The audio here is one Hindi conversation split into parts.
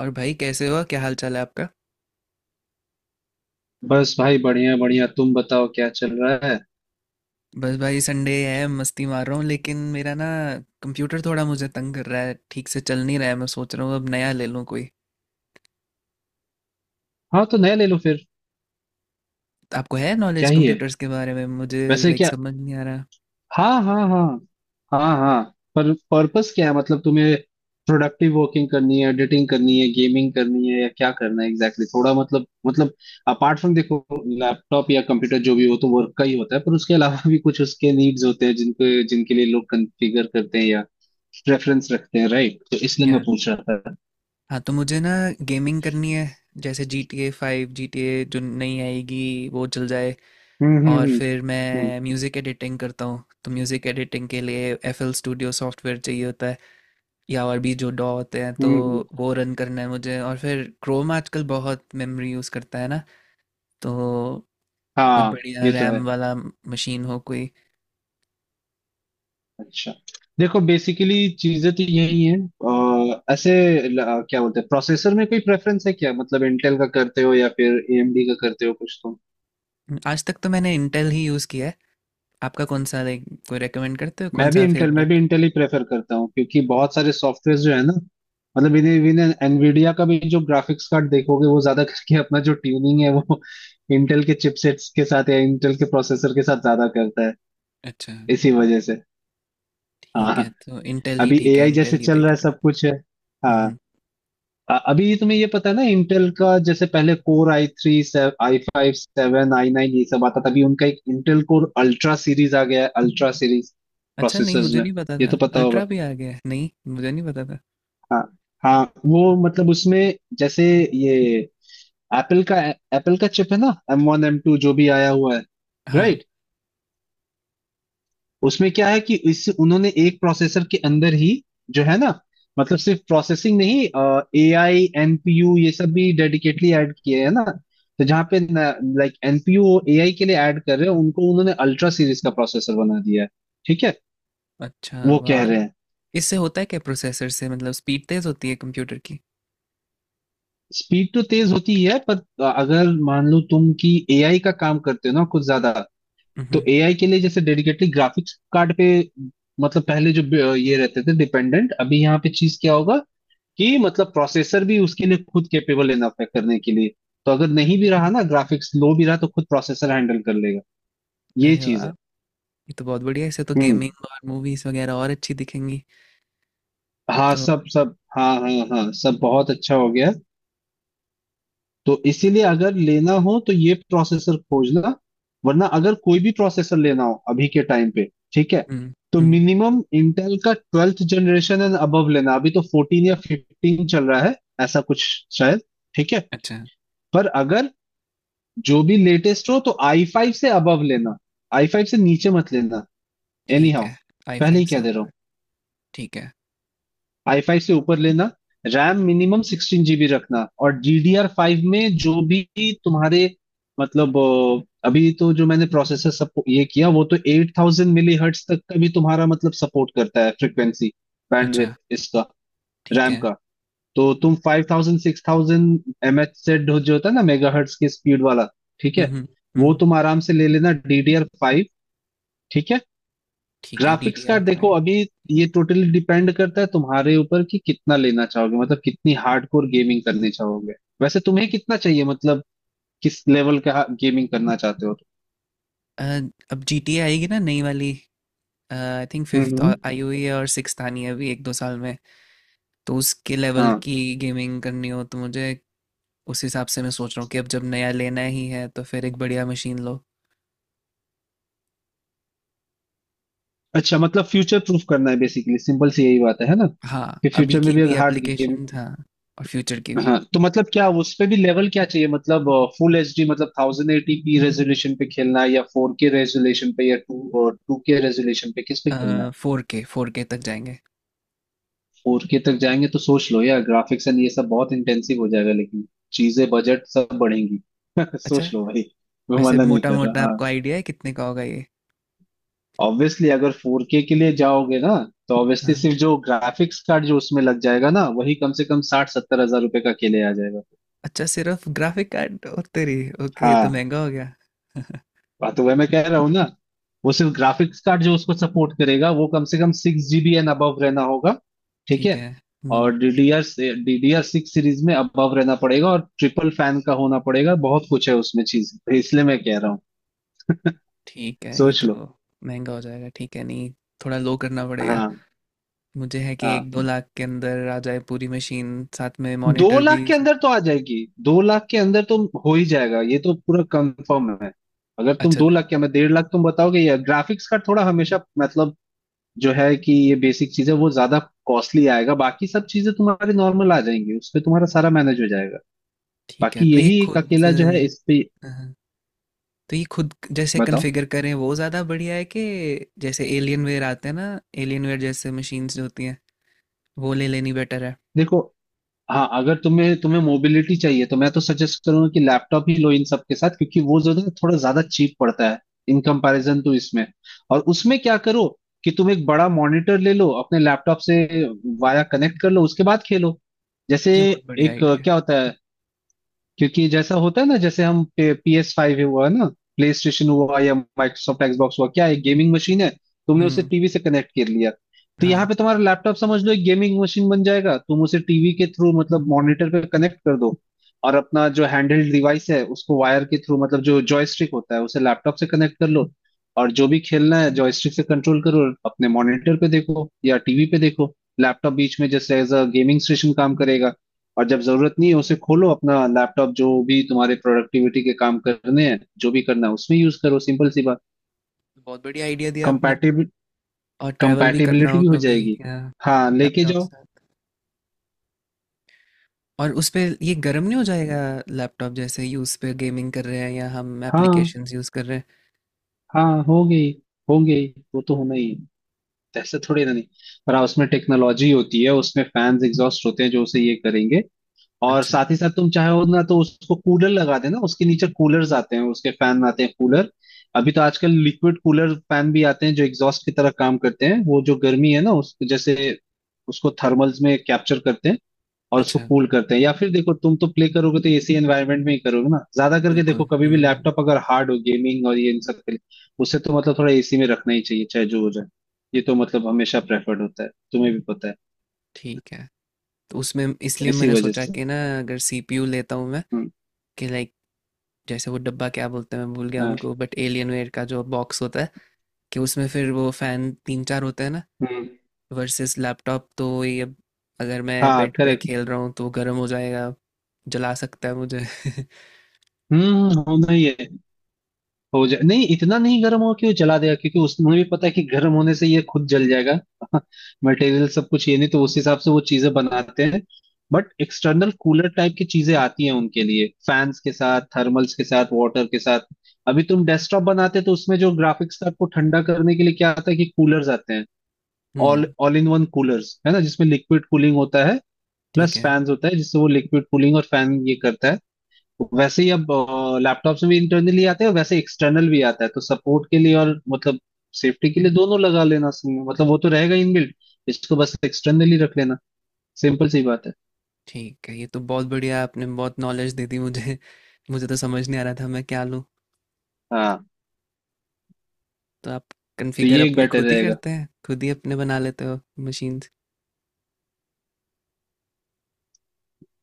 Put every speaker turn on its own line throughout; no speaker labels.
और भाई, कैसे हो? क्या हाल चाल है आपका?
बस भाई बढ़िया बढ़िया। तुम बताओ क्या चल रहा है।
बस भाई, संडे है, मस्ती मार रहा हूँ। लेकिन मेरा ना, कंप्यूटर थोड़ा मुझे तंग कर रहा है, ठीक से चल नहीं रहा है। मैं सोच रहा हूँ अब नया ले लूँ कोई।
हाँ तो नया ले लो फिर।
आपको है
क्या
नॉलेज
ही है
कंप्यूटर्स के बारे में? मुझे
वैसे,
लाइक
क्या?
समझ नहीं आ रहा।
हाँ हाँ हाँ। हाँ हाँ। पर पर्पस क्या है, मतलब तुम्हें प्रोडक्टिव वर्किंग करनी है, एडिटिंग करनी है, गेमिंग करनी है, या क्या करना है एग्जैक्टली exactly? थोड़ा मतलब अपार्ट फ्रॉम, देखो लैपटॉप या कंप्यूटर जो भी हो तो वर्क का ही होता है, पर उसके अलावा भी कुछ उसके नीड्स होते हैं जिनको जिनके लिए लोग कॉन्फ़िगर करते हैं या रेफरेंस रखते हैं, राइट? तो इसलिए मैं
या
पूछ रहा था।
हाँ, तो मुझे ना, गेमिंग करनी है। जैसे GTA 5, GTA जो नई आएगी वो चल जाए। और
हम्म।
फिर
हम्म
मैं म्यूज़िक एडिटिंग करता हूँ, तो म्यूज़िक एडिटिंग के लिए FL Studio सॉफ्टवेयर चाहिए होता। या और भी जो डॉ होते हैं, तो
हम्म हम्म।
वो रन करना है मुझे। और फिर क्रोम आजकल बहुत मेमोरी यूज़ करता है ना। तो कोई
हाँ
बढ़िया
ये तो है।
रैम वाला मशीन हो कोई।
अच्छा देखो बेसिकली चीजें तो यही हैं। ऐसे क्या बोलते हैं, प्रोसेसर में कोई प्रेफरेंस है क्या? मतलब इंटेल का करते हो या फिर एएमडी का करते हो, कुछ तो।
आज तक तो मैंने इंटेल ही यूज़ किया है। आपका कौन सा? लाइक कोई रेकमेंड करते हो, कौन सा
मैं भी
फेवरेट?
इंटेल ही प्रेफर करता हूँ, क्योंकि बहुत सारे सॉफ्टवेयर जो है ना, मतलब इन्हें इन्हें एनवीडिया का भी जो ग्राफिक्स कार्ड देखोगे वो ज्यादा करके अपना जो ट्यूनिंग है वो इंटेल के चिपसेट्स के साथ या इंटेल के प्रोसेसर के साथ ज्यादा करता है,
अच्छा।
इसी वजह से।
ठीक
हाँ
है, तो इंटेल ही
अभी
ठीक है,
एआई जैसे
इंटेल ही
चल रहा है
देखते हैं।
सब कुछ है। हाँ
हम्म।
अभी तुम्हें ये पता है ना, इंटेल का जैसे पहले core i three, i five seven, i nine ये सब आता था, अभी उनका एक इंटेल कोर अल्ट्रा सीरीज आ गया है, अल्ट्रा सीरीज
अच्छा, नहीं
प्रोसेसर्स
मुझे
में।
नहीं पता
ये तो
था,
पता होगा।
अल्ट्रा भी आ गया है, नहीं मुझे नहीं पता था।
हाँ हाँ वो मतलब उसमें जैसे ये एप्पल का एप्पल का चिप है ना, M1 M2 जो भी आया हुआ है,
हाँ।
राइट? उसमें क्या है कि इससे उन्होंने एक प्रोसेसर के अंदर ही जो है ना मतलब सिर्फ प्रोसेसिंग नहीं, ए आई एनपीयू ये सब भी डेडिकेटली ऐड किए हैं ना। तो जहाँ पे लाइक एनपीयू ए आई के लिए ऐड कर रहे हैं उनको, उन्होंने अल्ट्रा सीरीज का प्रोसेसर बना दिया है, ठीक है?
अच्छा
वो कह
वाह।
रहे हैं।
इससे होता है क्या प्रोसेसर से? मतलब स्पीड तेज़ होती है कंप्यूटर की?
स्पीड तो तेज होती है, पर अगर मान लो तुम कि एआई का काम करते हो ना कुछ ज्यादा, तो
हम्म।
एआई के लिए जैसे डेडिकेटली ग्राफिक्स कार्ड पे मतलब पहले जो ये रहते थे डिपेंडेंट, अभी यहाँ पे चीज क्या होगा कि मतलब प्रोसेसर भी उसके लिए खुद कैपेबल इनफ है करने के लिए। तो अगर नहीं भी रहा ना ग्राफिक्स लो भी रहा तो खुद प्रोसेसर हैंडल कर लेगा, ये
अरे
चीज
वाह,
है।
ये तो बहुत बढ़िया है, इससे तो
हम्म।
गेमिंग और मूवीज वगैरह और अच्छी दिखेंगी।
हाँ
तो।
सब सब हाँ हाँ हाँ सब बहुत अच्छा हो गया। तो इसीलिए अगर लेना हो तो ये प्रोसेसर खोजना। वरना अगर कोई भी प्रोसेसर लेना हो अभी के टाइम पे, ठीक है,
हम्म।
तो
हम्म।
मिनिमम इंटेल का ट्वेल्थ जनरेशन एंड अबव लेना, अभी तो फोर्टीन या फिफ्टीन चल रहा है ऐसा कुछ शायद, ठीक है।
अच्छा।
पर अगर जो भी लेटेस्ट हो तो आई फाइव से अबव लेना, आई फाइव से नीचे मत लेना, एनी
ठीक
हाउ।
है। आई
पहले
फाइव
ही
से
कह दे रहा
ऊपर।
हूँ,
ठीक है।
आई फाइव से ऊपर लेना। रैम मिनिमम 16 GB रखना और DDR5 में जो भी तुम्हारे मतलब, अभी तो जो मैंने प्रोसेसर सब ये किया वो तो 8000 MHz तक का भी तुम्हारा मतलब सपोर्ट करता है, फ्रिक्वेंसी
अच्छा।
बैंडविड्थ इसका,
ठीक
रैम
है।
का। तो तुम 5000 6000 MHz से जो होता है ना मेगाहर्ट्ज के स्पीड वाला, ठीक
हम्म।
है,
हम्म।
वो
हम्म।
तुम आराम से ले लेना DDR5 फाइव, ठीक है।
ठीक है, D
graphics
D R
card देखो
फाइव
अभी ये टोटली डिपेंड करता है तुम्हारे ऊपर कि कितना लेना चाहोगे, मतलब कितनी हार्डकोर गेमिंग करनी चाहोगे। वैसे तुम्हें कितना चाहिए, मतलब किस लेवल का गेमिंग करना चाहते हो
अब जी टी आएगी ना नई वाली। आई थिंक
तुम?
फिफ्थ आई हुई है और सिक्स्थ आनी है अभी एक दो साल में। तो उसके लेवल
हाँ
की गेमिंग करनी हो तो मुझे, उस हिसाब से मैं सोच रहा हूँ कि अब जब नया लेना ही है तो फिर एक बढ़िया मशीन लो।
अच्छा मतलब फ्यूचर प्रूफ करना है बेसिकली, सिंपल सी यही बात है ना,
हाँ,
कि
अभी
फ्यूचर
की
में भी
भी
हार्ड गेमिंग।
एप्लीकेशन। हाँ, और फ्यूचर की भी।
हाँ तो मतलब क्या उस पे भी लेवल क्या चाहिए, मतलब फुल एच डी मतलब 1080p रेजोल्यूशन पे खेलना है या फोर के रेजोल्यूशन पे या टू और टू के रेजोल्यूशन पे, किस पे खेलना है?
4K, 4K तक जाएंगे।
फोर के तक जाएंगे तो सोच लो यार, ग्राफिक्स एंड ये सब बहुत इंटेंसिव हो जाएगा, लेकिन चीजें बजट सब बढ़ेंगी।
अच्छा।
सोच लो भाई, मैं
वैसे
मना नहीं
मोटा
कर
मोटा
रहा। हाँ
आपको आइडिया है कितने का होगा ये?
ऑब्वियसली अगर फोर के लिए जाओगे ना तो ऑब्वियसली
हाँ।
सिर्फ जो ग्राफिक्स कार्ड जो उसमें लग जाएगा ना वही कम से कम 60-70 हजार रुपए का अकेले आ जाएगा।
अच्छा, सिर्फ ग्राफिक कार्ड और तेरी। ओके, तो
हाँ
महंगा हो गया।
बात तो वह मैं कह रहा हूँ ना, वो सिर्फ ग्राफिक्स कार्ड जो उसको सपोर्ट करेगा वो कम से कम 6 GB एंड अबव रहना होगा, ठीक
ठीक
है?
है। हम्म।
और डीडीआर, सिक्स सीरीज में अबव रहना पड़ेगा और ट्रिपल फैन का होना पड़ेगा, बहुत कुछ है उसमें चीज, तो इसलिए मैं कह रहा हूँ
ठीक है, ये
सोच
तो
लो।
महंगा हो जाएगा। ठीक है, नहीं थोड़ा लो करना पड़ेगा।
हाँ।
मुझे है कि
हाँ
एक दो लाख के अंदर आ जाए पूरी मशीन, साथ में
दो
मॉनिटर भी
लाख के
सब-।
अंदर तो आ जाएगी। 2 लाख के अंदर तो हो ही जाएगा ये तो पूरा कंफर्म है। अगर तुम
अच्छा,
2 लाख क्या मैं 1.5 लाख तुम बताओगे, या ग्राफिक्स कार्ड थोड़ा हमेशा मतलब जो है कि ये बेसिक चीजें वो ज्यादा कॉस्टली आएगा, बाकी सब चीजें तुम्हारी नॉर्मल आ जाएंगी, उस पे तुम्हारा सारा मैनेज हो जाएगा।
ठीक है।
बाकी यही एक अकेला जो है इस पे,
हाँ, तो ये खुद जैसे
बताओ।
कॉन्फ़िगर करें वो ज़्यादा बढ़िया है कि। जैसे एलियन वेयर आते हैं ना, एलियन वेयर जैसे मशीन्स जो होती हैं, वो ले लेनी बेटर है।
देखो हाँ अगर तुम्हें तुम्हें मोबिलिटी चाहिए तो मैं तो सजेस्ट करूंगा कि लैपटॉप ही लो इन सब के साथ, क्योंकि वो जो है थोड़ा ज्यादा चीप पड़ता है इन कंपैरिजन टू इसमें। और उसमें क्या करो कि तुम एक बड़ा मॉनिटर ले लो अपने लैपटॉप से वाया कनेक्ट कर लो, उसके बाद खेलो। जैसे
ये बहुत बढ़िया
एक
आइडिया है।
क्या होता है, क्योंकि जैसा होता है ना, जैसे हम PS5 हुआ ना, प्ले स्टेशन हुआ या माइक्रोसॉफ्ट एक्सबॉक्स हुआ, क्या है, गेमिंग मशीन है। तुमने उसे
हम्म।
टीवी से कनेक्ट कर लिया, तो यहाँ
हाँ,
पे तुम्हारा लैपटॉप समझ लो एक गेमिंग मशीन बन जाएगा, तुम उसे टीवी के थ्रू मतलब मॉनिटर पे कनेक्ट कर दो, और अपना जो हैंडहेल्ड डिवाइस है उसको वायर के थ्रू मतलब जो जॉयस्टिक होता है उसे लैपटॉप से कनेक्ट कर लो, और जो भी खेलना है जॉयस्टिक से कंट्रोल करो, अपने मॉनिटर पे देखो या टीवी पे देखो। लैपटॉप बीच में जैसे एज अ गेमिंग स्टेशन काम करेगा, और जब जरूरत नहीं है उसे खोलो अपना लैपटॉप, जो भी तुम्हारे प्रोडक्टिविटी के काम करने हैं जो भी करना है उसमें यूज करो, सिंपल सी बात।
बहुत बढ़िया आइडिया दिया आपने।
कंपैटिबिल
और ट्रैवल भी करना
कंपैटिबिलिटी
हो
हो
कभी,
जाएगी।
या
हाँ लेके
लैपटॉप
जाओ।
साथ। और उस पे ये गर्म नहीं हो जाएगा, लैपटॉप, जैसे ही उस पे गेमिंग कर रहे हैं या हम
हाँ
एप्लीकेशंस यूज कर रहे हैं?
हाँ हो गई, हो गई, वो तो होना ही है, ऐसा थोड़ी ना नहीं। पर हाँ, उसमें टेक्नोलॉजी होती है, उसमें फैंस एग्जॉस्ट होते हैं जो उसे ये करेंगे, और
अच्छा।
साथ ही साथ तुम चाहो ना तो उसको कूलर लगा देना, उसके नीचे कूलर्स आते हैं, उसके फैन आते हैं कूलर। अभी तो आजकल लिक्विड कूलर फैन भी आते हैं जो एग्जॉस्ट की तरह काम करते हैं, वो जो गर्मी है ना उसको जैसे उसको थर्मल्स में कैप्चर करते हैं और उसको
अच्छा,
कूल करते हैं। या फिर देखो तुम तो प्ले करोगे तो एसी एनवायरनमेंट में ही करोगे ना ज्यादा करके, देखो
बिल्कुल।
कभी भी
हम्म।
लैपटॉप अगर हार्ड हो गेमिंग और ये इन सब के लिए, उससे तो मतलब थोड़ा एसी में रखना ही चाहिए चाहे जो हो जाए, ये तो मतलब हमेशा प्रेफर्ड होता है, तुम्हें भी पता है,
ठीक है। तो उसमें इसलिए
इसी
मैंने
वजह
सोचा
से।
कि ना, अगर CPU लेता हूँ मैं,
हम्म।
कि लाइक जैसे वो डब्बा, क्या बोलते हैं मैं भूल गया
हाँ,
उनको, बट एलियन वेयर का जो बॉक्स होता है, कि उसमें फिर वो फैन तीन चार होते हैं ना,
हम्म।
वर्सेस लैपटॉप तो ये, अगर मैं
हाँ
बेड पे
करेक्ट।
खेल रहा हूँ तो गर्म हो जाएगा। जला सकता है मुझे।
होना ही है, हो जाए नहीं इतना नहीं गर्म हो कि वो जला देगा, क्योंकि उसमें भी पता है कि गर्म होने से ये खुद जल जाएगा। मटेरियल सब कुछ ये नहीं तो उस हिसाब से वो चीजें बनाते हैं। बट एक्सटर्नल कूलर टाइप की चीजें आती हैं उनके लिए फैंस के साथ थर्मल्स के साथ वाटर के साथ। अभी तुम डेस्कटॉप बनाते तो उसमें जो ग्राफिक्स कार्ड को ठंडा करने के लिए क्या आता है कि कूलर्स आते हैं, ऑल
हम्म।
ऑल इन वन कूलर्स है ना जिसमें लिक्विड कूलिंग होता है,
ठीक
प्लस
है।
फैंस होता है जिससे वो लिक्विड कूलिंग और फैन ये करता है। वैसे ही अब लैपटॉप में भी इंटरनली आते हैं, वैसे एक्सटर्नल भी आता है तो सपोर्ट के लिए और मतलब सेफ्टी के लिए दोनों लगा लेना सही है। मतलब वो तो रहेगा इनबिल्ट, इसको बस एक्सटर्नली रख लेना, सिंपल सी बात है।
ठीक है, ये तो बहुत बढ़िया, आपने बहुत नॉलेज दे दी मुझे। मुझे तो समझ नहीं आ रहा था मैं क्या लूँ।
हाँ
तो आप
तो
कॉन्फ़िगर
ये एक
अपने
बेटर
खुद ही
रहेगा।
करते हैं, खुद ही अपने बना लेते हो मशीन?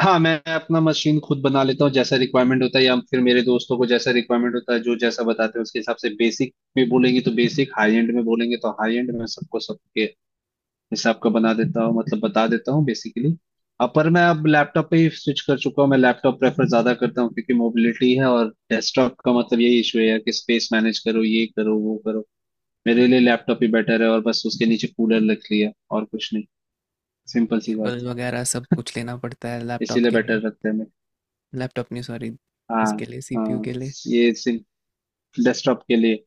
हाँ मैं अपना मशीन खुद बना लेता हूँ जैसा रिक्वायरमेंट होता है, या फिर मेरे दोस्तों को जैसा रिक्वायरमेंट होता है जो जैसा बताते हैं उसके हिसाब से, बेसिक में बोलेंगे तो बेसिक, हाई एंड में बोलेंगे तो हाई एंड में, सबको सबके हिसाब का बना देता हूँ, मतलब बता देता हूँ बेसिकली। अब पर मैं अब लैपटॉप पे ही स्विच कर चुका हूँ, मैं लैपटॉप प्रेफर ज्यादा करता हूँ क्योंकि मोबिलिटी है, और डेस्कटॉप का मतलब यही इशू है यार कि स्पेस मैनेज करो, ये करो वो करो। मेरे लिए लैपटॉप ही बेटर है, और बस उसके नीचे कूलर रख लिया, और कुछ नहीं, सिंपल सी बात
केबल
है।
वगैरह सब कुछ लेना पड़ता है लैपटॉप
इसीलिए
के लिए।
बेटर रखते हैं मैं।
लैपटॉप नहीं, सॉरी,
हाँ
उसके लिए, CPU
हाँ
के लिए।
ये डेस्कटॉप के लिए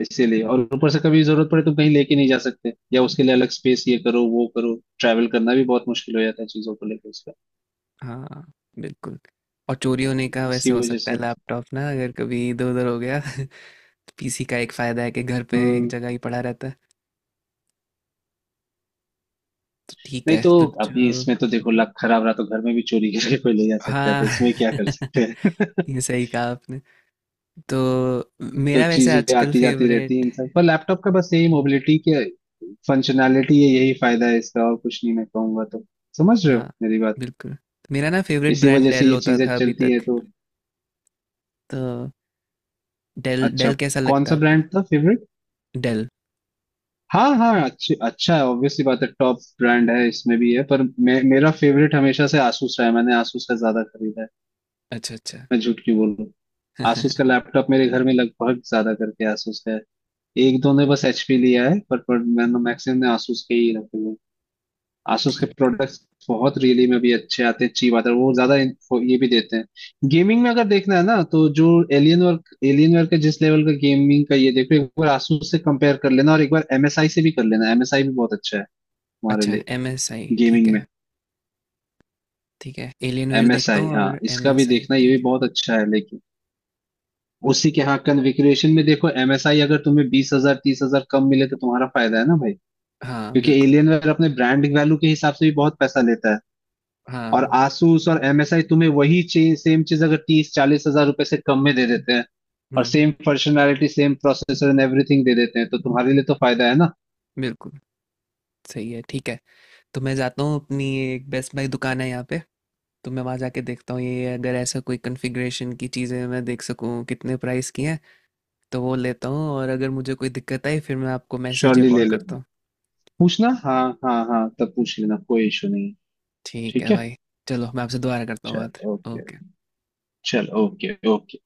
इसीलिए, और ऊपर से कभी जरूरत पड़े तो कहीं लेके नहीं जा सकते या उसके लिए अलग स्पेस ये करो वो करो, ट्रैवल करना भी बहुत मुश्किल हो जाता है चीजों को लेकर उसका,
हाँ बिल्कुल। और चोरी होने का
इसी
वैसे हो
वजह
सकता है
से।
लैपटॉप ना, अगर कभी इधर उधर हो गया। PC का एक फायदा है कि घर पे एक
हम्म।
जगह ही पड़ा रहता है। तो ठीक
नहीं
है,
तो
तो
अभी
जो।
इसमें तो देखो लक खराब रहा तो घर में भी चोरी करके कोई ले जा सकता है,
हाँ।
तो इसमें क्या कर सकते हैं।
ये सही कहा आपने। तो
तो
मेरा वैसे
चीजें
आजकल
आती जाती रहती हैं
फेवरेट।
इंसान पर, लैपटॉप का बस यही मोबिलिटी के फंक्शनैलिटी है, यही फायदा है इसका और कुछ नहीं मैं कहूंगा तो। समझ रहे हो
हाँ
मेरी बात,
बिल्कुल। मेरा ना फेवरेट
इसी
ब्रांड
वजह से
डेल
ये
होता
चीजें
था अभी
चलती है
तक।
तो।
तो डेल,
अच्छा
डेल कैसा
कौन
लगता है
सा
आपको?
ब्रांड था फेवरेट?
डेल।
हाँ हाँ अच्छी अच्छा है ऑब्वियसली, बात है टॉप ब्रांड है, इसमें भी है, पर मेरा फेवरेट हमेशा से आसूस रहा है, मैंने आसूस का ज्यादा खरीदा है,
अच्छा अच्छा।
मैं झूठ क्यों बोलूं। asus का लैपटॉप मेरे घर में लगभग ज्यादा करके asus का है, एक दो ने बस hp लिया है, पर मैंने मैक्सिमम ने asus के ही रखे हुए हैं। asus के
ठीक है।
प्रोडक्ट्स बहुत रियली में भी अच्छे आते हैं, चीप आते हैं वो ज्यादा। वो ये भी देते हैं गेमिंग में अगर देखना है ना तो जो एलियन वर्क, एलियन वर्क का जिस लेवल का गेमिंग का ये, देखो एक बार asus से कंपेयर कर लेना और एक बार msi से भी कर लेना, msi भी बहुत अच्छा है हमारे
अच्छा,
लिए
MSI ठीक
गेमिंग में।
है। ठीक है, एलियनवेयर देखता
msi
हूँ
हाँ
और एम
इसका भी
एस आई
देखना, ये
ठीक
भी
है।
बहुत अच्छा है लेकिन उसी के हाँ कन्फिग्रेशन में देखो, एमएसआई अगर तुम्हें 20 हजार 30 हजार कम मिले तो तुम्हारा फायदा है ना भाई,
हाँ
क्योंकि
बिल्कुल।
एलियनवेयर अपने ब्रांड वैल्यू के हिसाब से भी बहुत पैसा लेता है, और
हाँ।
आसूस और एमएसआई तुम्हें वही चीज सेम चीज अगर 30-40 हजार रुपए से कम में दे देते हैं, और
hmm.
Same functionality same processor and everything दे देते हैं तो तुम्हारे लिए तो फायदा है ना।
बिल्कुल सही है। ठीक है, तो मैं जाता हूँ अपनी। एक बेस्ट बाय दुकान है यहाँ पे, तो मैं वहाँ जाके देखता हूँ ये, अगर ऐसा कोई कन्फिग्रेशन की चीज़ें मैं देख सकूँ कितने प्राइस की हैं, तो वो लेता हूँ। और अगर मुझे कोई दिक्कत आई फिर मैं आपको मैसेज या
श्योरली ले
कॉल
लो,
करता हूँ।
पूछना, हाँ हाँ हाँ तब पूछ लेना, कोई इशू नहीं है।
ठीक
ठीक
है
है।
भाई। चलो, मैं आपसे दोबारा करता हूँ
चल
बात।
ओके।
ओके।
चल ओके ओके।